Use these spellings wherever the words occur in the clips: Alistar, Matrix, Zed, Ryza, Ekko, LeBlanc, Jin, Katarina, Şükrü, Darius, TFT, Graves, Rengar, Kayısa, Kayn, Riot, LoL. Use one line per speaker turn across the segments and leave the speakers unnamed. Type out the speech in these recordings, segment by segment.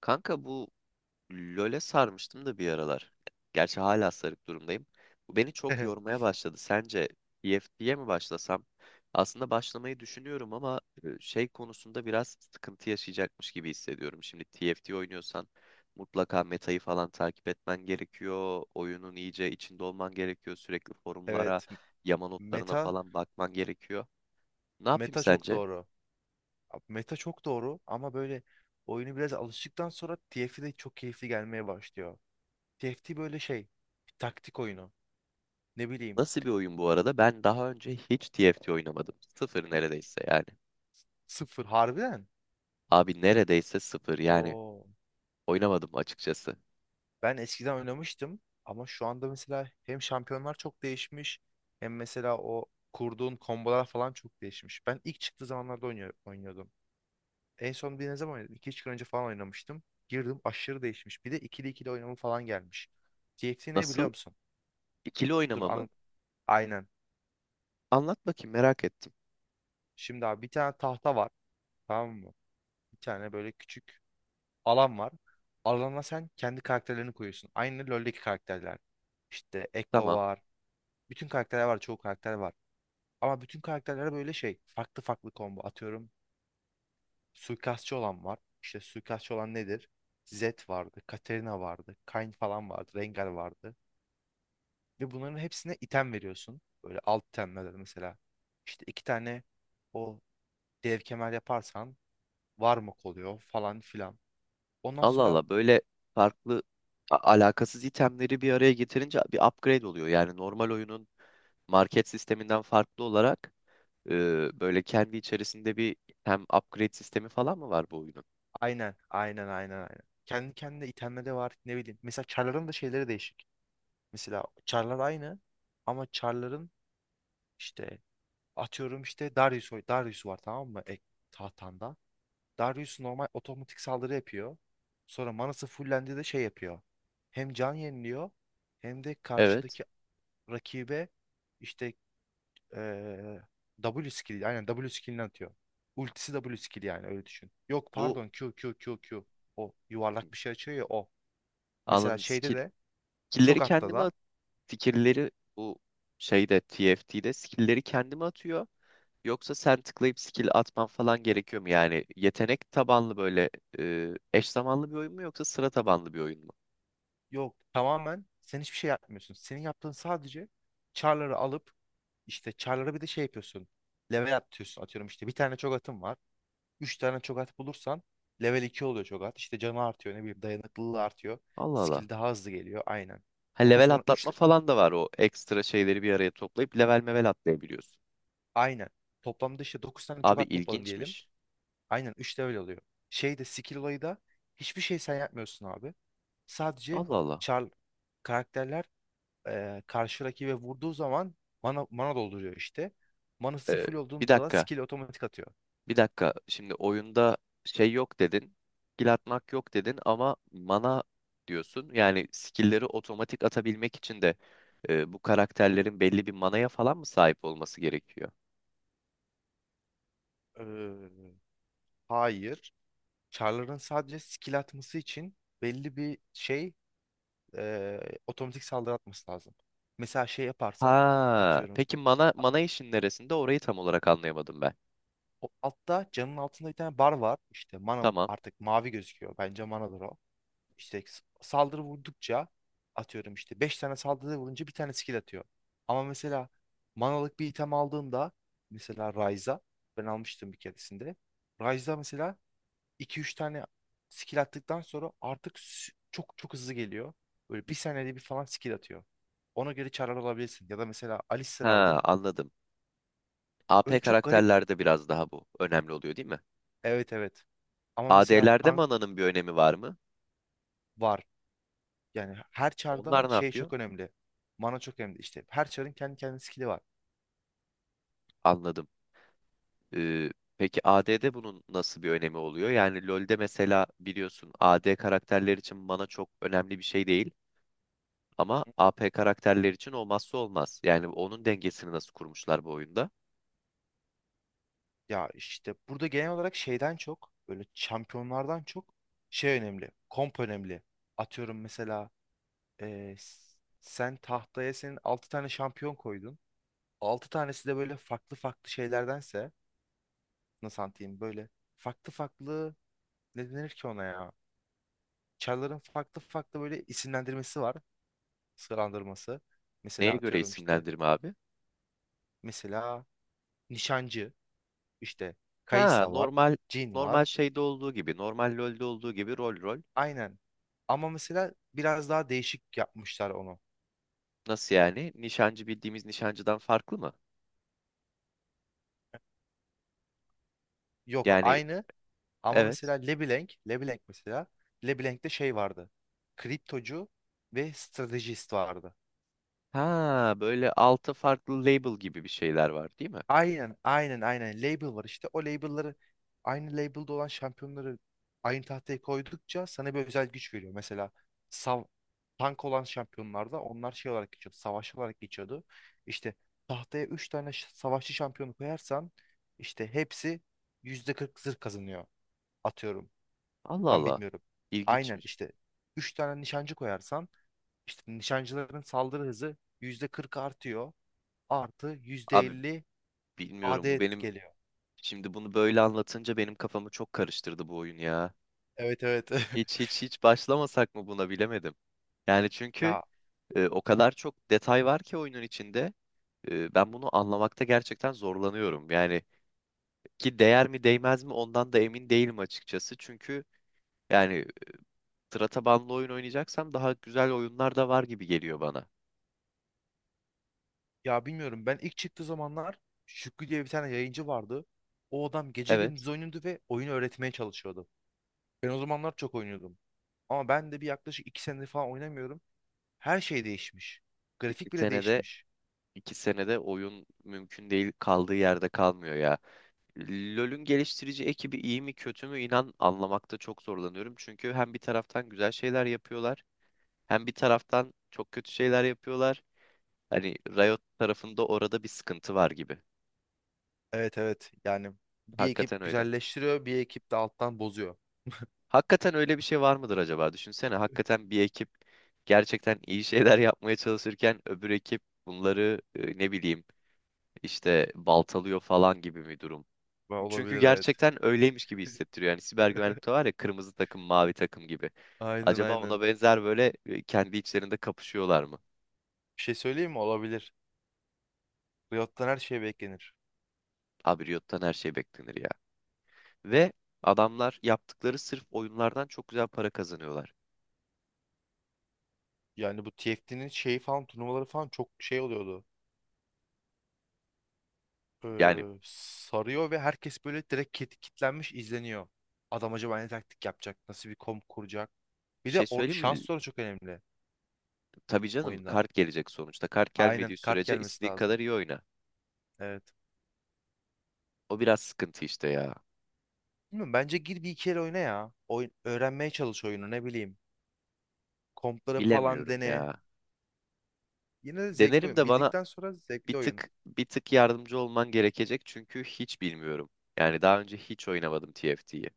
Kanka bu LoL'e sarmıştım da bir aralar. Gerçi hala sarık durumdayım. Bu beni çok yormaya başladı. Sence TFT'ye mi başlasam? Aslında başlamayı düşünüyorum ama şey konusunda biraz sıkıntı yaşayacakmış gibi hissediyorum. Şimdi TFT oynuyorsan mutlaka metayı falan takip etmen gerekiyor. Oyunun iyice içinde olman gerekiyor. Sürekli forumlara,
Evet.
yama notlarına
Meta.
falan bakman gerekiyor. Ne yapayım
Meta çok
sence?
doğru. Meta çok doğru ama böyle oyunu biraz alıştıktan sonra TFT de çok keyifli gelmeye başlıyor. T F T böyle şey. Taktik oyunu. Ne bileyim.
Nasıl bir oyun bu arada? Ben daha önce hiç TFT oynamadım. Sıfır neredeyse yani.
Sıfır. Harbiden.
Abi neredeyse sıfır yani
Oo.
oynamadım açıkçası.
Ben eskiden oynamıştım ama şu anda mesela hem şampiyonlar çok değişmiş hem mesela o kurduğun kombolar falan çok değişmiş. Ben ilk çıktığı zamanlarda oynuyordum. En son bir ne zaman oynadım? 2-3 gün önce falan oynamıştım. Girdim aşırı değişmiş. Bir de ikili ikili oynama falan gelmiş. TXT ne biliyor
Nasıl?
musun?
İkili
Dur
oynamamı
an aynen.
anlat bakayım, merak ettim.
Şimdi abi bir tane tahta var. Tamam mı? Bir tane böyle küçük alan var. Alana sen kendi karakterlerini koyuyorsun. Aynı LoL'deki karakterler. İşte Ekko
Tamam.
var. Bütün karakterler var. Çoğu karakter var. Ama bütün karakterlere böyle şey. Farklı farklı combo atıyorum. Suikastçı olan var. İşte suikastçı olan nedir? Zed vardı. Katarina vardı. Kayn falan vardı. Rengar vardı. Ve bunların hepsine item veriyorsun. Böyle alt itemler mesela. İşte iki tane o dev kemer yaparsan var mı oluyor falan filan. Ondan
Allah
sonra
Allah, böyle farklı alakasız itemleri bir araya getirince bir upgrade oluyor. Yani normal oyunun market sisteminden farklı olarak e, böyle kendi içerisinde bir, hem upgrade sistemi falan mı var bu oyunun?
aynen aynen aynen aynen. Kendi kendine itemleri de var ne bileyim. Mesela çarların da şeyleri değişik. Mesela çarlar aynı ama çarların işte atıyorum işte Darius, Darius var tamam mı? Tahtanda. Darius normal otomatik saldırı yapıyor. Sonra manası fullendi de şey yapıyor. Hem can yeniliyor hem de
Evet.
karşıdaki rakibe işte eee, W skill aynen W skill'ini atıyor. Ultisi W skill yani öyle düşün. Yok
Bu,
pardon Q Q Q Q. O yuvarlak bir şey açıyor ya o. Mesela
anladım.
şeyde
Skill,
de çok
skill'leri
hatta
kendime
da
fikirleri bu şeyde TFT'de skill'leri kendime atıyor. Yoksa sen tıklayıp skill atman falan gerekiyor mu? Yani yetenek tabanlı böyle eş zamanlı bir oyun mu yoksa sıra tabanlı bir oyun mu?
yok tamamen sen hiçbir şey yapmıyorsun. Senin yaptığın sadece char'ları alıp işte char'lara bir de şey yapıyorsun. Level atıyorsun atıyorum işte bir tane çok atım var. Üç tane çok at bulursan level 2 oluyor çok at. İşte canı artıyor ne bileyim dayanıklılığı artıyor.
Allah Allah.
Skill daha hızlı geliyor aynen.
Ha,
Onun
level
sonra 3
atlatma falan da var, o ekstra şeyleri bir araya toplayıp level mevel atlayabiliyorsun.
aynen. Toplamda işte 9 tane çok
Abi
at topladın diyelim.
ilginçmiş.
Aynen üçte de öyle oluyor. Şeyde skill olayı da hiçbir şey sen yapmıyorsun abi. Sadece
Allah Allah.
char karakterler karşı rakibe vurduğu zaman mana dolduruyor işte. Manası
E,
full
Bir
olduğunda da
dakika.
skill otomatik atıyor.
Bir dakika. Şimdi oyunda şey yok dedin. Skill atmak yok dedin ama mana diyorsun. Yani skill'leri otomatik atabilmek için de bu karakterlerin belli bir manaya falan mı sahip olması gerekiyor?
Eee, hayır. Char'ların sadece skill atması için belli bir şey otomatik saldırı atması lazım. Mesela şey yaparsan
Ha,
atıyorum.
peki mana işin neresinde? Orayı tam olarak anlayamadım ben.
O altta camın altında bir tane bar var. İşte mana
Tamam.
artık mavi gözüküyor. Bence manadır o. İşte saldırı vurdukça atıyorum işte 5 tane saldırı vurunca bir tane skill atıyor. Ama mesela manalık bir item aldığında mesela Ryza ben almıştım bir keresinde. Ryza mesela iki üç tane skill attıktan sonra artık çok çok hızlı geliyor. Böyle bir saniyede bir falan skill atıyor. Ona göre çarlar alabilirsin. Ya da mesela Alistar
Ha,
aldın.
anladım.
Böyle
AP
çok garip.
karakterlerde biraz daha bu önemli oluyor, değil mi?
Evet evet. Ama mesela
AD'lerde
tank
mananın bir önemi var mı?
var. Yani her çarda
Onlar ne
şey
yapıyor?
çok önemli. Mana çok önemli. İşte her çarın kendi kendine skill'i var.
Anladım. Ee, peki AD'de bunun nasıl bir önemi oluyor? Yani LoL'de mesela biliyorsun, AD karakterler için mana çok önemli bir şey değil ama AP karakterler için olmazsa olmaz. Yani onun dengesini nasıl kurmuşlar bu oyunda?
Ya işte burada genel olarak şeyden çok böyle şampiyonlardan çok şey önemli. Komp önemli. Atıyorum mesela sen tahtaya senin 6 tane şampiyon koydun. Altı tanesi de böyle farklı farklı şeylerdense nasıl anlatayım böyle farklı farklı ne denir ki ona ya? Çarların farklı farklı böyle isimlendirmesi var. Sıralandırması.
Neye
Mesela
göre
atıyorum işte
isimlendirme abi?
mesela nişancı. İşte
Ha,
Kayısa var,
normal
Jin var.
normal şeyde olduğu gibi, normal LoL'de olduğu gibi, rol rol.
Aynen. Ama mesela biraz daha değişik yapmışlar onu.
Nasıl yani? Nişancı bildiğimiz nişancıdan farklı mı?
Yok
Yani
aynı ama mesela
evet.
LeBlanc mesela LeBlanc'te şey vardı. Kriptocu ve stratejist vardı.
Ha, böyle altı farklı label gibi bir şeyler var, değil mi?
Aynen, aynen, aynen. Label var işte. O label'ları aynı label'da olan şampiyonları aynı tahtaya koydukça sana bir özel güç veriyor. Mesela sav tank olan şampiyonlarda onlar şey olarak geçiyordu. Savaşçı olarak geçiyordu. İşte tahtaya 3 tane savaşçı şampiyonu koyarsan işte hepsi %40 zırh kazanıyor. Atıyorum.
Allah
Tam
Allah.
bilmiyorum. Aynen
İlginçmiş.
işte 3 tane nişancı koyarsan işte nişancıların saldırı hızı %40 artıyor. Artı
Abi
%50
bilmiyorum, bu
AD
benim
geliyor.
şimdi bunu böyle anlatınca benim kafamı çok karıştırdı bu oyun ya.
Evet evet.
Hiç hiç hiç başlamasak mı buna, bilemedim. Yani çünkü
Ya
o kadar çok detay var ki oyunun içinde. Ben bunu anlamakta gerçekten zorlanıyorum. Yani ki değer mi değmez mi ondan da emin değilim açıkçası. Çünkü yani sıra tabanlı oyun oynayacaksam daha güzel oyunlar da var gibi geliyor bana.
ya bilmiyorum ben ilk çıktığı zamanlar Şükrü diye bir tane yayıncı vardı. O adam gece gündüz
Evet.
oynuyordu ve oyunu öğretmeye çalışıyordu. Ben o zamanlar çok oynuyordum. Ama ben de bir yaklaşık iki senedir falan oynamıyorum. Her şey değişmiş.
Bir
Grafik bile
senede,
değişmiş.
2 senede oyun mümkün değil, kaldığı yerde kalmıyor ya. LoL'ün geliştirici ekibi iyi mi kötü mü, inan anlamakta çok zorlanıyorum. Çünkü hem bir taraftan güzel şeyler yapıyorlar, hem bir taraftan çok kötü şeyler yapıyorlar. Hani Riot tarafında orada bir sıkıntı var gibi.
Evet evet yani bir
Hakikaten
ekip
öyle.
güzelleştiriyor bir ekip de alttan bozuyor.
Hakikaten öyle bir şey var mıdır acaba? Düşünsene, hakikaten bir ekip gerçekten iyi şeyler yapmaya çalışırken öbür ekip bunları ne bileyim işte baltalıyor falan gibi bir durum.
Ve
Çünkü
olabilir evet.
gerçekten öyleymiş gibi hissettiriyor. Yani siber güvenlikte var ya, kırmızı takım, mavi takım gibi.
Aynen
Acaba
aynen.
ona benzer böyle kendi içlerinde kapışıyorlar mı?
Bir şey söyleyeyim mi? Olabilir. Riot'tan her şey beklenir.
Abi Riot'tan her şey beklenir ya. Ve adamlar yaptıkları sırf oyunlardan çok güzel para kazanıyorlar.
Yani bu TFT'nin şeyi falan turnuvaları falan çok şey oluyordu.
Yani
Sarıyor ve herkes böyle direkt kitlenmiş izleniyor. Adam acaba ne taktik yapacak? Nasıl bir kom kuracak?
bir
Bir de
şey
orada
söyleyeyim mi?
şans da çok önemli
Tabii canım,
oyunda.
kart gelecek sonuçta. Kart
Aynen
gelmediği
kart
sürece
gelmesi
istediğin
lazım.
kadar iyi oyna.
Evet.
O biraz sıkıntı işte ya.
Bilmiyorum, bence gir bir iki el oyna ya. Oyun, öğrenmeye çalış oyunu ne bileyim. Kompları falan
Bilemiyorum
dene.
ya.
Yine de zevkli
Denerim
oyun.
de bana
Bildikten sonra
bir
zevkli oyun.
tık bir tık yardımcı olman gerekecek çünkü hiç bilmiyorum. Yani daha önce hiç oynamadım TFT'yi.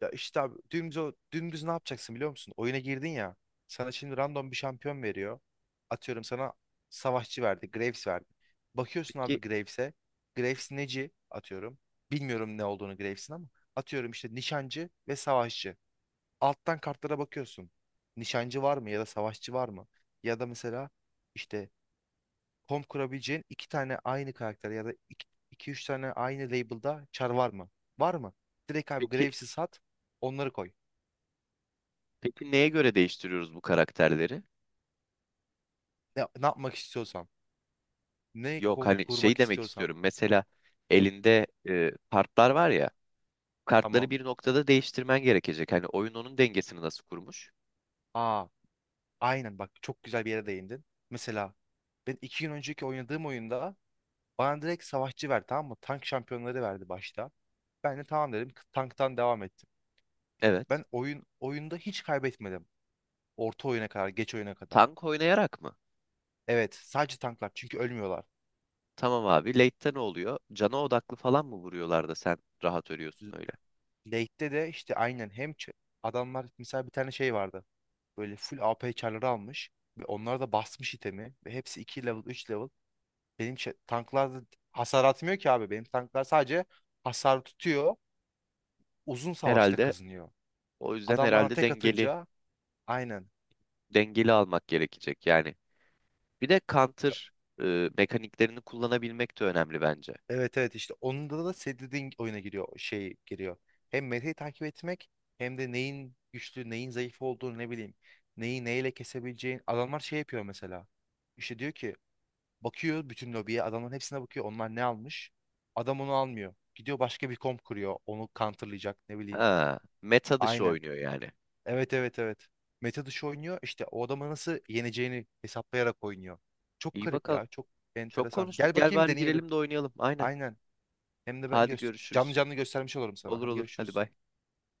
Ya işte abi dümdüz, dümdüz ne yapacaksın biliyor musun? Oyuna girdin ya. Sana şimdi random bir şampiyon veriyor. Atıyorum sana savaşçı verdi. Graves verdi. Bakıyorsun
Peki,
abi Graves'e. Graves neci atıyorum. Bilmiyorum ne olduğunu Graves'in ama. Atıyorum işte nişancı ve savaşçı. Alttan kartlara bakıyorsun. Nişancı var mı ya da savaşçı var mı? Ya da mesela işte komp kurabileceğin iki tane aynı karakter ya da iki üç tane aynı label'da çar var mı? Var mı? Direkt abi
peki,
Graves'i sat onları koy.
peki, neye göre değiştiriyoruz bu karakterleri?
Ne yapmak istiyorsam. Ne
Yok, hani şey
kurmak
demek
istiyorsam.
istiyorum. Mesela elinde kartlar var ya. Kartları
Tamam.
bir noktada değiştirmen gerekecek. Hani oyun onun dengesini nasıl kurmuş?
Aa, aynen bak çok güzel bir yere değindin. Mesela ben iki gün önceki oynadığım oyunda bana direkt savaşçı verdi tamam mı? Tank şampiyonları verdi başta. Ben de tamam dedim. Tanktan devam ettim.
Evet.
Ben oyunda hiç kaybetmedim. Orta oyuna kadar, geç oyuna kadar.
Tank oynayarak mı?
Evet, sadece tanklar çünkü ölmüyorlar.
Tamam abi. Late'te ne oluyor? Cana odaklı falan mı vuruyorlar da sen rahat ölüyorsun
L-
öyle?
Late'te de işte aynen hem adamlar mesela bir tane şey vardı. Böyle full AP çarları almış ve onlar da basmış itemi ve hepsi 2 level, 3 level. Benim şey, tanklar hasar atmıyor ki abi. Benim tanklar sadece hasar tutuyor. Uzun savaşta
Herhalde
kazanıyor.
o yüzden
Adam bana
herhalde
tek
dengeli
atınca aynen.
dengeli almak gerekecek yani. Bir de counter mekaniklerini kullanabilmek de önemli bence.
Evet evet işte onda da senin dediğin oyuna giriyor. Şey giriyor. Hem metayı takip etmek hem de neyin güçlü neyin zayıf olduğunu ne bileyim. Neyi neyle kesebileceğin. Adamlar şey yapıyor mesela. İşte diyor ki bakıyor bütün lobiye adamların hepsine bakıyor. Onlar ne almış? Adam onu almıyor. Gidiyor başka bir komp kuruyor. Onu counterlayacak ne bileyim.
Ha, meta dışı
Aynen.
oynuyor yani.
Evet evet evet. Meta dışı oynuyor. İşte o adama nasıl yeneceğini hesaplayarak oynuyor. Çok
İyi
garip ya.
bakalım.
Çok
Çok
enteresan.
konuştuk.
Gel
Gel
bakayım
bari
deneyelim.
girelim de oynayalım. Aynen.
Aynen. Hem de ben
Hadi
göster canlı
görüşürüz.
canlı göstermiş olurum sana.
Olur
Hadi
olur. Hadi
görüşürüz.
bay.